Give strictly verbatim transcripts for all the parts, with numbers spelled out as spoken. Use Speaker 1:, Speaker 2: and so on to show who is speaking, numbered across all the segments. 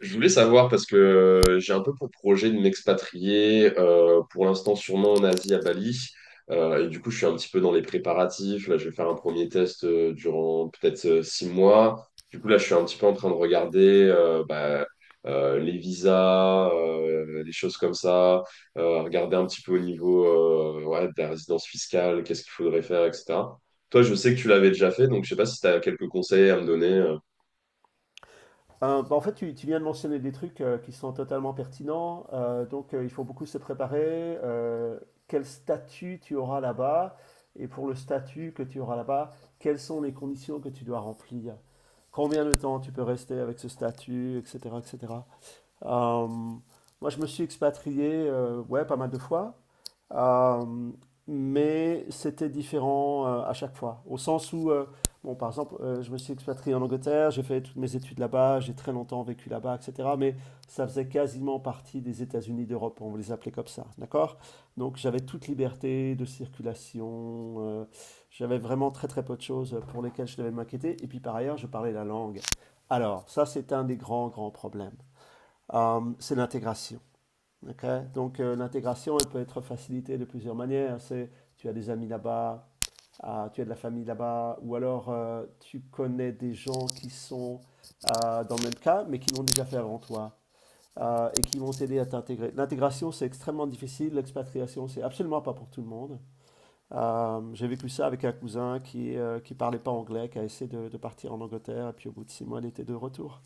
Speaker 1: Je voulais savoir parce que euh, j'ai un peu pour projet de m'expatrier, euh, pour l'instant sûrement en Asie, à Bali. Euh, et du coup, je suis un petit peu dans les préparatifs. Là, je vais faire un premier test, euh, durant peut-être euh, six mois. Du coup, là, je suis un petit peu en train de regarder, euh, bah, euh, les visas, euh, les choses comme ça, euh, regarder un petit peu au niveau, euh, ouais, de la résidence fiscale, qu'est-ce qu'il faudrait faire, et cetera. Toi, je sais que tu l'avais déjà fait, donc je sais pas si tu as quelques conseils à me donner. euh,
Speaker 2: Euh, bah, en fait, tu, tu viens de mentionner des trucs euh, qui sont totalement pertinents. Euh, donc, euh, il faut beaucoup se préparer. Euh, Quel statut tu auras là-bas? Et pour le statut que tu auras là-bas, quelles sont les conditions que tu dois remplir? Combien de temps tu peux rester avec ce statut, et cetera, et cetera. Euh, Moi, je me suis expatrié, euh, ouais, pas mal de fois. Euh, mais c'était différent euh, à chaque fois. Au sens où, euh, bon, par exemple, euh, je me suis expatrié en Angleterre, j'ai fait toutes mes études là-bas, j'ai très longtemps vécu là-bas, et cetera. Mais ça faisait quasiment partie des États-Unis d'Europe, on les appelait comme ça, d'accord? Donc j'avais toute liberté de circulation, euh, j'avais vraiment très très peu de choses pour lesquelles je devais m'inquiéter. Et puis par ailleurs, je parlais la langue. Alors, ça, c'est un des grands, grands problèmes. Euh, c'est l'intégration. Ok? Donc euh, l'intégration, elle peut être facilitée de plusieurs manières. C'est tu as des amis là-bas, ah, tu as de la famille là-bas, ou alors euh, tu connais des gens qui sont euh, dans le même cas, mais qui l'ont déjà fait avant toi, euh, et qui vont t'aider à t'intégrer. L'intégration, c'est extrêmement difficile. L'expatriation, c'est absolument pas pour tout le monde. Euh, j'ai vécu ça avec un cousin qui euh, qui parlait pas anglais, qui a essayé de, de partir en Angleterre, et puis au bout de six mois, il était de retour.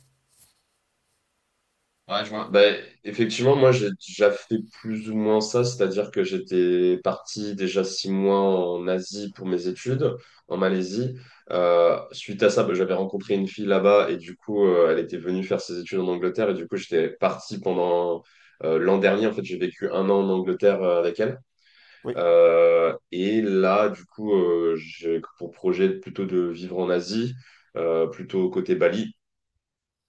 Speaker 1: Ouais, je vois. Ben, effectivement, moi, j'ai déjà fait plus ou moins ça, c'est-à-dire que j'étais parti déjà six mois en Asie pour mes études, en Malaisie. Euh, suite à ça, ben, j'avais rencontré une fille là-bas et du coup, euh, elle était venue faire ses études en Angleterre et du coup, j'étais parti pendant, euh, l'an dernier. En fait, j'ai vécu un an en Angleterre, euh, avec elle.
Speaker 2: Oui,
Speaker 1: Euh, et là, du coup, euh, j'ai pour projet plutôt de vivre en Asie, euh, plutôt côté Bali.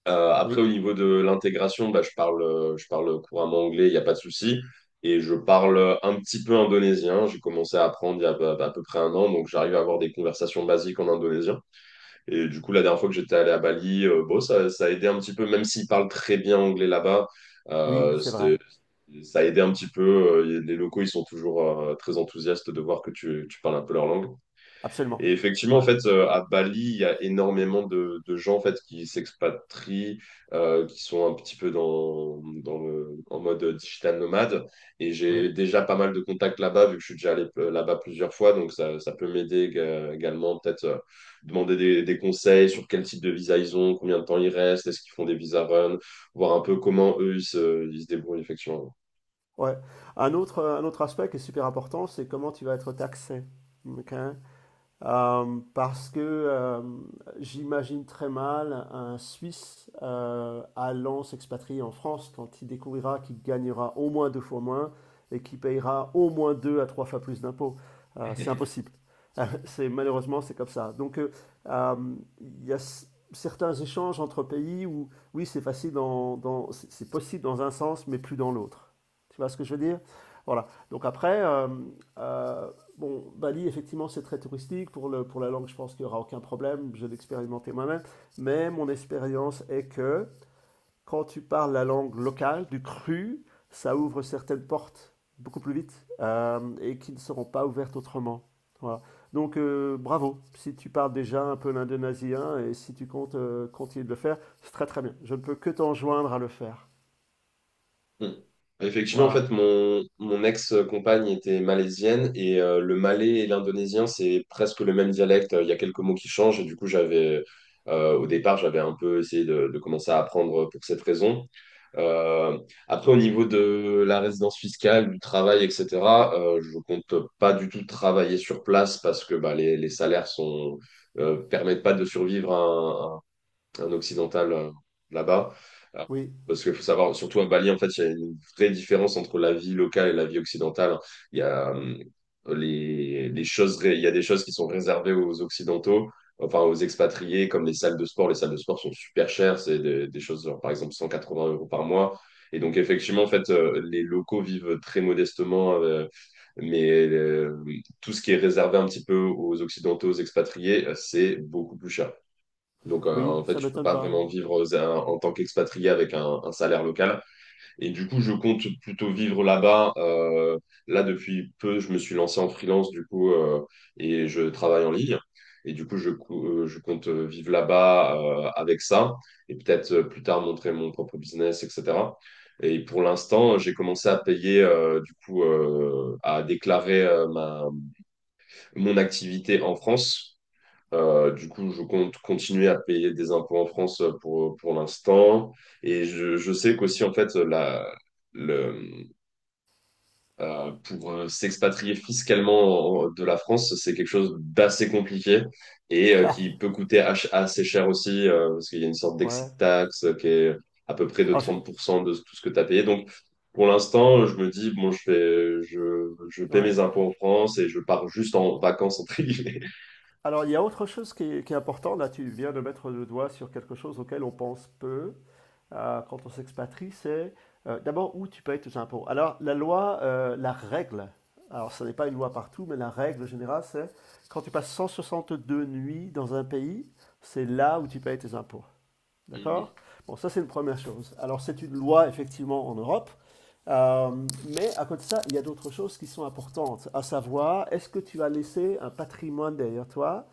Speaker 1: Euh, après, au
Speaker 2: oui,
Speaker 1: niveau de l'intégration, bah, je parle, euh, je parle couramment anglais, il n'y a pas de souci. Et je parle, euh, un petit peu indonésien. J'ai commencé à apprendre il y a à, à peu près un an, donc j'arrive à avoir des conversations basiques en indonésien. Et du coup, la dernière fois que j'étais allé à Bali, euh, bon, ça, ça a aidé un petit peu, même s'ils parlent très bien anglais là-bas,
Speaker 2: oui,
Speaker 1: euh,
Speaker 2: c'est vrai.
Speaker 1: c'était- ça a aidé un petit peu. Euh, Les locaux, ils sont toujours, euh, très enthousiastes de voir que tu, tu parles un peu leur langue.
Speaker 2: Absolument.
Speaker 1: Et effectivement, en
Speaker 2: Ouais,
Speaker 1: fait, euh, à Bali, il y a énormément de, de gens en fait, qui s'expatrient, euh, qui sont un petit peu dans, dans le- en mode digital nomade. Et j'ai
Speaker 2: oui.
Speaker 1: déjà pas mal de contacts là-bas, vu que je suis déjà allé, euh, là-bas plusieurs fois. Donc, ça, ça peut m'aider ég- également, peut-être, euh, demander des, des conseils sur quel type de visa ils ont, combien de temps ils restent, est-ce qu'ils font des visa run, voir un peu comment eux, ils se, ils se débrouillent, effectivement.
Speaker 2: Ouais. Un autre, un autre aspect qui est super important, c'est comment tu vas être taxé. OK? Euh, parce que euh, j'imagine très mal un Suisse euh, allant s'expatrier en France quand il découvrira qu'il gagnera au moins deux fois moins et qu'il payera au moins deux à trois fois plus d'impôts. Euh, c'est impossible. C'est, malheureusement, c'est comme ça. Donc, euh, euh, il y a s- certains échanges entre pays où, oui, c'est facile dans, dans- c'est c'est possible dans un sens, mais plus dans l'autre. Tu vois ce que je veux dire? Voilà. Donc après, euh, euh, Bon, Bali, effectivement, c'est très touristique. Pour, le, pour la langue, je pense qu'il n'y aura aucun problème. Je l'ai expérimenté moi-même. Mais mon expérience est que quand tu parles la langue locale, du cru, ça ouvre certaines portes beaucoup plus vite euh, et qui ne seront pas ouvertes autrement. Voilà. Donc, euh, bravo. Si tu parles déjà un peu l'indonésien et si tu comptes euh, continuer de le faire, c'est très très bien. Je ne peux que t'enjoindre à le faire.
Speaker 1: Mm. Effectivement, en
Speaker 2: Voilà.
Speaker 1: fait, mon, mon ex-compagne était malaisienne et, euh, le malais et l'indonésien, c'est presque le même dialecte. Il y a quelques mots qui changent et du coup, j'avais, euh, au départ, j'avais un peu essayé de, de commencer à apprendre pour cette raison. Euh, après, au niveau de la résidence fiscale, du travail, et cetera, euh, je compte pas du tout travailler sur place parce que bah, les, les salaires sont, euh, permettent pas de survivre un occidental, euh, là-bas. Euh,
Speaker 2: Oui,
Speaker 1: Parce qu'il faut savoir, surtout à Bali, en fait, il y a une vraie différence entre la vie locale et la vie occidentale. Il y a, euh, les, les choses, ré- il y a des choses qui sont réservées aux Occidentaux, enfin aux expatriés, comme les salles de sport. Les salles de sport sont super chères, c'est des, des choses, genre, par exemple, cent quatre-vingts euros par mois. Et donc, effectivement, en fait, euh, les locaux vivent très modestement, euh, mais euh, tout ce qui est réservé un petit peu aux Occidentaux, aux expatriés, euh, c'est beaucoup plus cher. Donc, euh,
Speaker 2: oui,
Speaker 1: en fait,
Speaker 2: ça
Speaker 1: je peux
Speaker 2: m'étonne
Speaker 1: pas
Speaker 2: pas.
Speaker 1: vraiment vivre, euh, en tant qu'expatrié avec un, un salaire local. Et du coup, je compte plutôt vivre là-bas. Euh, là, depuis peu, je me suis lancé en freelance, du coup, euh, et je travaille en ligne. Et du coup, je, cou- euh, je compte, euh, vivre là-bas, euh, avec ça. Et peut-être, euh, plus tard montrer mon propre business, et cetera. Et pour l'instant, j'ai commencé à payer, euh, du coup, euh, à déclarer, euh, ma, mon activité en France, euh, du coup, je compte continuer à payer des impôts en France, euh, pour, pour l'instant. Et je, je sais qu'aussi, en fait, la, le, euh, pour, euh, s'expatrier fiscalement en- de la France, c'est quelque chose d'assez compliqué et, euh, qui peut coûter ach- assez cher aussi, euh, parce qu'il y a une sorte d'exit
Speaker 2: Ouais.
Speaker 1: tax, euh, qui est à peu près de
Speaker 2: Alors, j'ai-
Speaker 1: trente pour cent de tout ce que tu as payé. Donc, pour l'instant, je me dis, bon, je fais, je, je paie
Speaker 2: ouais.
Speaker 1: mes impôts en France et je pars juste en vacances, entre guillemets.
Speaker 2: Alors, il y a autre chose qui est, qui est important. Là, tu viens de mettre le doigt sur quelque chose auquel on pense peu euh, quand on s'expatrie. C'est euh, d'abord où tu payes tes impôts. Alors, la loi, euh, la règle, alors ce n'est pas une loi partout, mais la règle générale, c'est quand tu passes cent soixante-deux nuits dans un pays, c'est là où tu payes tes impôts. D'accord? Bon, ça, c'est une première chose. Alors, c'est une loi, effectivement, en Europe. Euh, mais à côté de ça, il y a d'autres choses qui sont importantes, à savoir, est-ce que tu as laissé un patrimoine derrière toi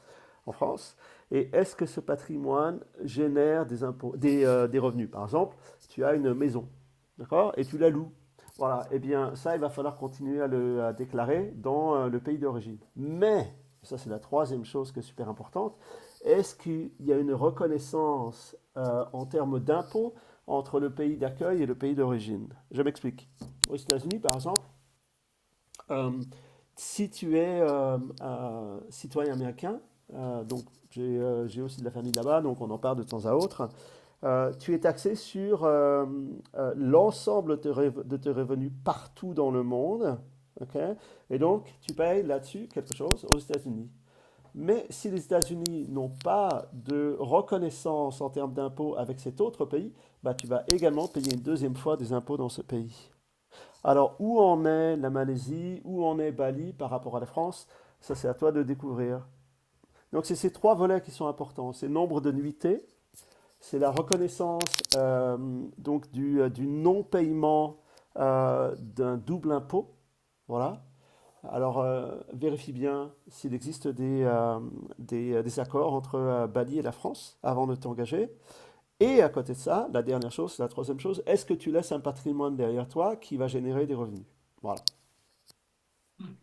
Speaker 2: en France? Et est-ce que ce patrimoine génère des, impôts, des, euh, des revenus? Par exemple, tu as une maison, d'accord? Et tu la loues. Voilà, eh bien ça, il va falloir continuer à le à déclarer dans euh, le pays d'origine. Mais, ça c'est la troisième chose qui est super importante, est-ce qu'il y a une reconnaissance euh, en termes d'impôts entre le pays d'accueil et le pays d'origine? Je m'explique. Aux États-Unis, par exemple, euh, si tu es euh, euh, citoyen américain, euh, donc j'ai euh, j'ai aussi de la famille là-bas, donc on en parle de temps à autre, euh, tu es taxé sur euh, euh, l'ensemble de, tes rev- de tes revenus partout dans le monde, ok? Et donc tu payes là-dessus quelque chose aux États-Unis. Mais si les États-Unis n'ont pas de reconnaissance en termes d'impôts avec cet autre pays, bah, tu vas également payer une deuxième fois des impôts dans ce pays. Alors, où en est la Malaisie, où en est Bali par rapport à la France? Ça, c'est à toi de découvrir. Donc, c'est ces trois volets qui sont importants. C'est le nombre de nuitées, c'est la reconnaissance euh, donc du, euh, du non-paiement euh, d'un double impôt. Voilà. Alors, euh, vérifie bien s'il existe des, euh, des, euh, des accords entre euh, Bali et la France avant de t'engager. Et à côté de ça, la dernière chose, la troisième chose, est-ce que tu laisses un patrimoine derrière toi qui va générer des revenus? Voilà.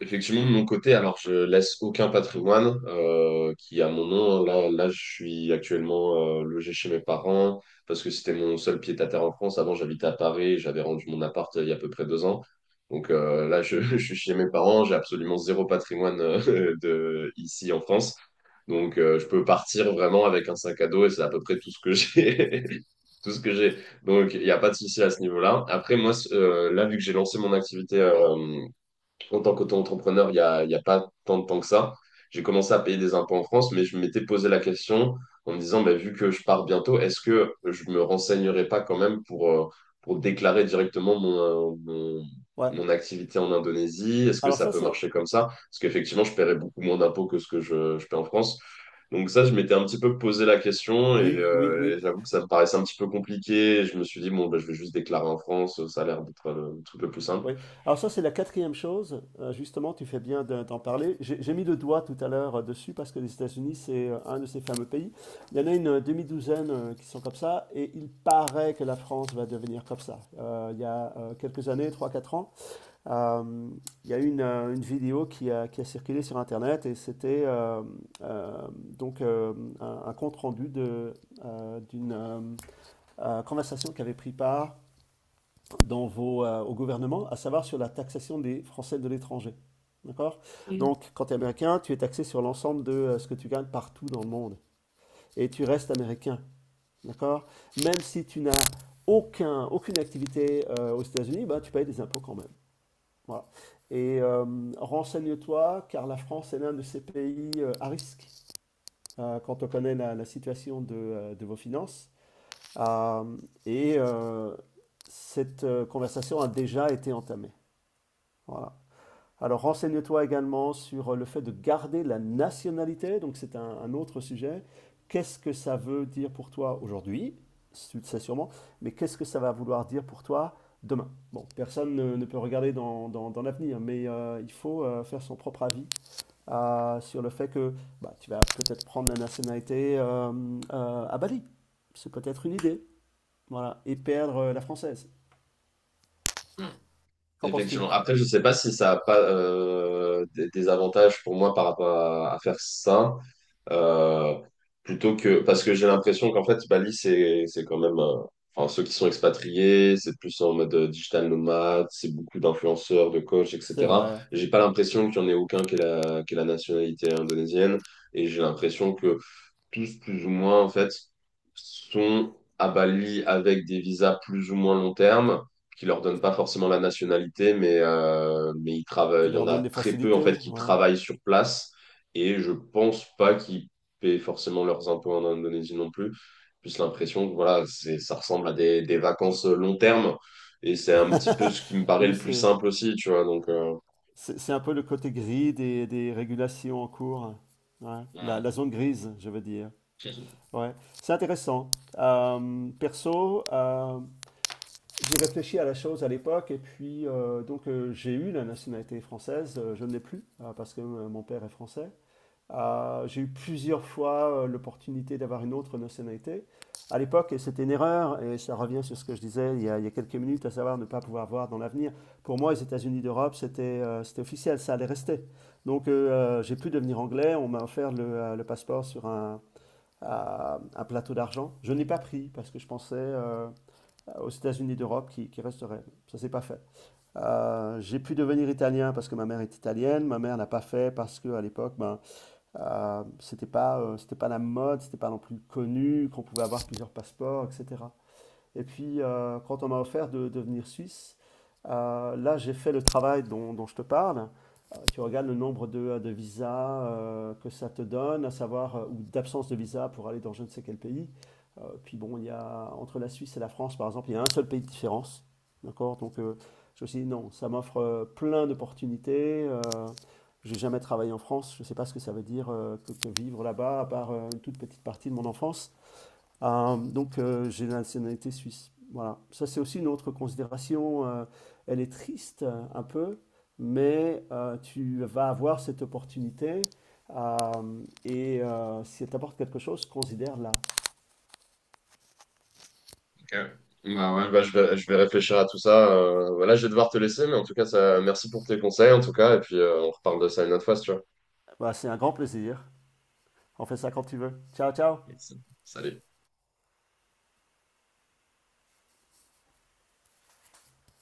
Speaker 1: Effectivement, de mon côté, alors je laisse aucun patrimoine, euh, qui est à mon nom. Là, là, je suis actuellement, euh, logé chez mes parents parce que c'était mon seul pied-à-terre en France. Avant, j'habitais à Paris, j'avais rendu mon appart, euh, il y a à peu près deux ans. Donc euh, là, je, je suis chez mes parents, j'ai absolument zéro patrimoine, euh, de, ici en France. Donc euh, je peux partir vraiment avec un sac à dos et c'est à peu près tout ce que j'ai. Tout ce que j'ai. Donc, il n'y a pas de souci à ce niveau-là. Après, moi, c- euh, là, vu que j'ai lancé mon activité, euh, en tant qu'auto-entrepreneur, il n'y a, il y a pas tant de temps que ça. J'ai commencé à payer des impôts en France, mais je m'étais posé la question en me disant, bah, vu que je pars bientôt, est-ce que je me renseignerai pas quand même pour, euh, pour déclarer directement mon, euh, mon,
Speaker 2: Ouais.
Speaker 1: mon activité en Indonésie? Est-ce que
Speaker 2: Alors
Speaker 1: ça
Speaker 2: ça
Speaker 1: peut
Speaker 2: c'est
Speaker 1: marcher comme ça? Parce qu'effectivement, je paierais beaucoup moins d'impôts que ce que je, je paie en France. Donc ça, je m'étais un petit peu posé la question et,
Speaker 2: oui, oui,
Speaker 1: euh,
Speaker 2: oui,
Speaker 1: et j'avoue que ça me paraissait un petit peu compliqué. Je me suis dit, bon, bah, je vais juste déclarer en France, ça a l'air d'être, euh, le truc le plus simple.
Speaker 2: oui. Alors ça c'est la quatrième chose. Euh, justement, tu fais bien de- d'en parler. J'ai j'ai mis le doigt tout à l'heure euh, dessus parce que les États-Unis c'est euh, un de ces fameux pays. Il y en a une euh, demi-douzaine euh, qui sont comme ça et il paraît que la France va devenir comme ça. Euh, il y a euh, quelques années, trois quatre ans, euh, il y a eu une, euh, une vidéo qui a, qui a circulé sur Internet et c'était euh, euh, donc euh, un, un compte rendu de, euh, d'une euh, euh, conversation qui avait pris part dans vos, euh, au gouvernement, à savoir sur la taxation des Français de l'étranger. D'accord? Donc, quand tu es américain, tu es taxé sur l'ensemble de euh, ce que tu gagnes partout dans le monde. Et tu restes américain. D'accord? Même si tu n'as aucun, aucune activité euh, aux États-Unis, bah, tu payes des impôts quand même. Voilà. Et euh, renseigne-toi, car la France est l'un de ces pays euh, à risque euh, quand on connaît la, la situation de, euh, de vos finances. Euh, et euh, cette euh, conversation a déjà été entamée. Voilà. Alors renseigne-toi également sur euh, le fait de garder la nationalité, donc c'est un, un autre sujet. Qu'est-ce que ça veut dire pour toi aujourd'hui? Tu le sais sûrement, mais qu'est-ce que ça va vouloir dire pour toi demain? Bon, personne ne, ne peut regarder dans, dans- dans l'avenir, mais euh, il faut euh, faire son propre avis euh, sur le fait que bah, tu vas peut-être prendre la nationalité euh, euh, à Bali. C'est peut-être une idée, voilà, et perdre euh, la française. Qu'en penses-tu?
Speaker 1: Effectivement. Après, je sais pas si ça a pas, euh, des, des avantages pour moi par rapport à, à faire ça, euh, plutôt que parce que j'ai l'impression qu'en fait Bali c'est c'est quand même, euh, enfin ceux qui sont expatriés, c'est plus en mode, euh, digital nomade, c'est beaucoup d'influenceurs, de coachs,
Speaker 2: C'est
Speaker 1: et cetera.
Speaker 2: vrai,
Speaker 1: J'ai pas l'impression qu'il y en ait aucun qui ait la qui ait la nationalité indonésienne et j'ai l'impression que tous plus ou moins en fait sont à Bali avec des visas plus ou moins long terme qui leur donnent pas forcément la nationalité, mais euh, mais ils travaillent.
Speaker 2: qui
Speaker 1: Il y en
Speaker 2: leur
Speaker 1: a
Speaker 2: donne des
Speaker 1: très peu en fait
Speaker 2: facilités,
Speaker 1: qui
Speaker 2: ouais.
Speaker 1: travaillent sur place et je pense pas qu'ils paient forcément leurs impôts en Indonésie non plus. Plus l'impression que voilà, c'est ça ressemble à des, des vacances long terme et c'est un petit peu ce qui me paraît
Speaker 2: Oui,
Speaker 1: le plus
Speaker 2: c'est
Speaker 1: simple aussi, tu vois. Donc euh,
Speaker 2: c'est c'est un peu le côté gris des, des régulations en cours. Hein. Ouais. La, la zone grise, je veux dire.
Speaker 1: Ouais.
Speaker 2: Ouais. C'est intéressant. Euh, perso, euh, j'ai réfléchi à la chose à l'époque et puis euh, donc euh, j'ai eu la nationalité française. euh, je ne l'ai plus euh, parce que euh, mon père est français. Euh, j'ai eu plusieurs fois euh, l'opportunité d'avoir une autre nationalité. À l'époque, et c'était une erreur, et ça revient sur ce que je disais il y a, il y a quelques minutes, à savoir ne pas pouvoir voir dans l'avenir. Pour moi, les États-Unis d'Europe, c'était euh, c'était officiel, ça allait rester. Donc, euh, euh, j'ai pu devenir anglais. On m'a offert le, euh, le passeport sur un, à- un plateau d'argent. Je n'ai pas pris parce que je pensais euh, aux États-Unis d'Europe qui, qui resteraient. Ça s'est pas fait. Euh, j'ai pu devenir italien parce que ma mère est italienne. Ma mère n'a pas fait parce que à l'époque, ben, euh, c'était pas, euh, c'était pas la mode, c'était pas non plus connu, qu'on pouvait avoir plusieurs passeports, et cetera. Et puis, euh, quand on m'a offert de devenir suisse, euh, là, j'ai fait le travail dont, dont je te parle. Euh, tu regardes le nombre de, euh, de visas euh, que ça te donne, à savoir, euh, ou d'absence de visa pour aller dans je ne sais quel pays. Euh, puis bon, il y a, entre la Suisse et la France, par exemple, il y a un seul pays de différence. D'accord? Donc, euh, je me suis dit, non, ça m'offre euh, plein d'opportunités. Euh, j'ai jamais travaillé en France, je ne sais pas ce que ça veut dire euh, que, que vivre là-bas, à part euh, une toute petite partie de mon enfance. Euh, donc euh, j'ai la nationalité suisse. Voilà. Ça, c'est aussi une autre considération. euh, elle est triste euh, un peu, mais euh, tu vas avoir cette opportunité. euh, et euh, si elle t'apporte quelque chose, considère-la.
Speaker 1: Ok. Bah ouais, bah je vais, je vais réfléchir à tout ça. Euh, voilà, je vais devoir te laisser, mais en tout cas, ça, merci pour tes conseils, en tout cas, et puis, euh, on reparle de ça une autre fois, si tu vois.
Speaker 2: Bah, c'est un grand plaisir. On fait ça quand tu veux. Ciao, ciao.
Speaker 1: Yes. Salut.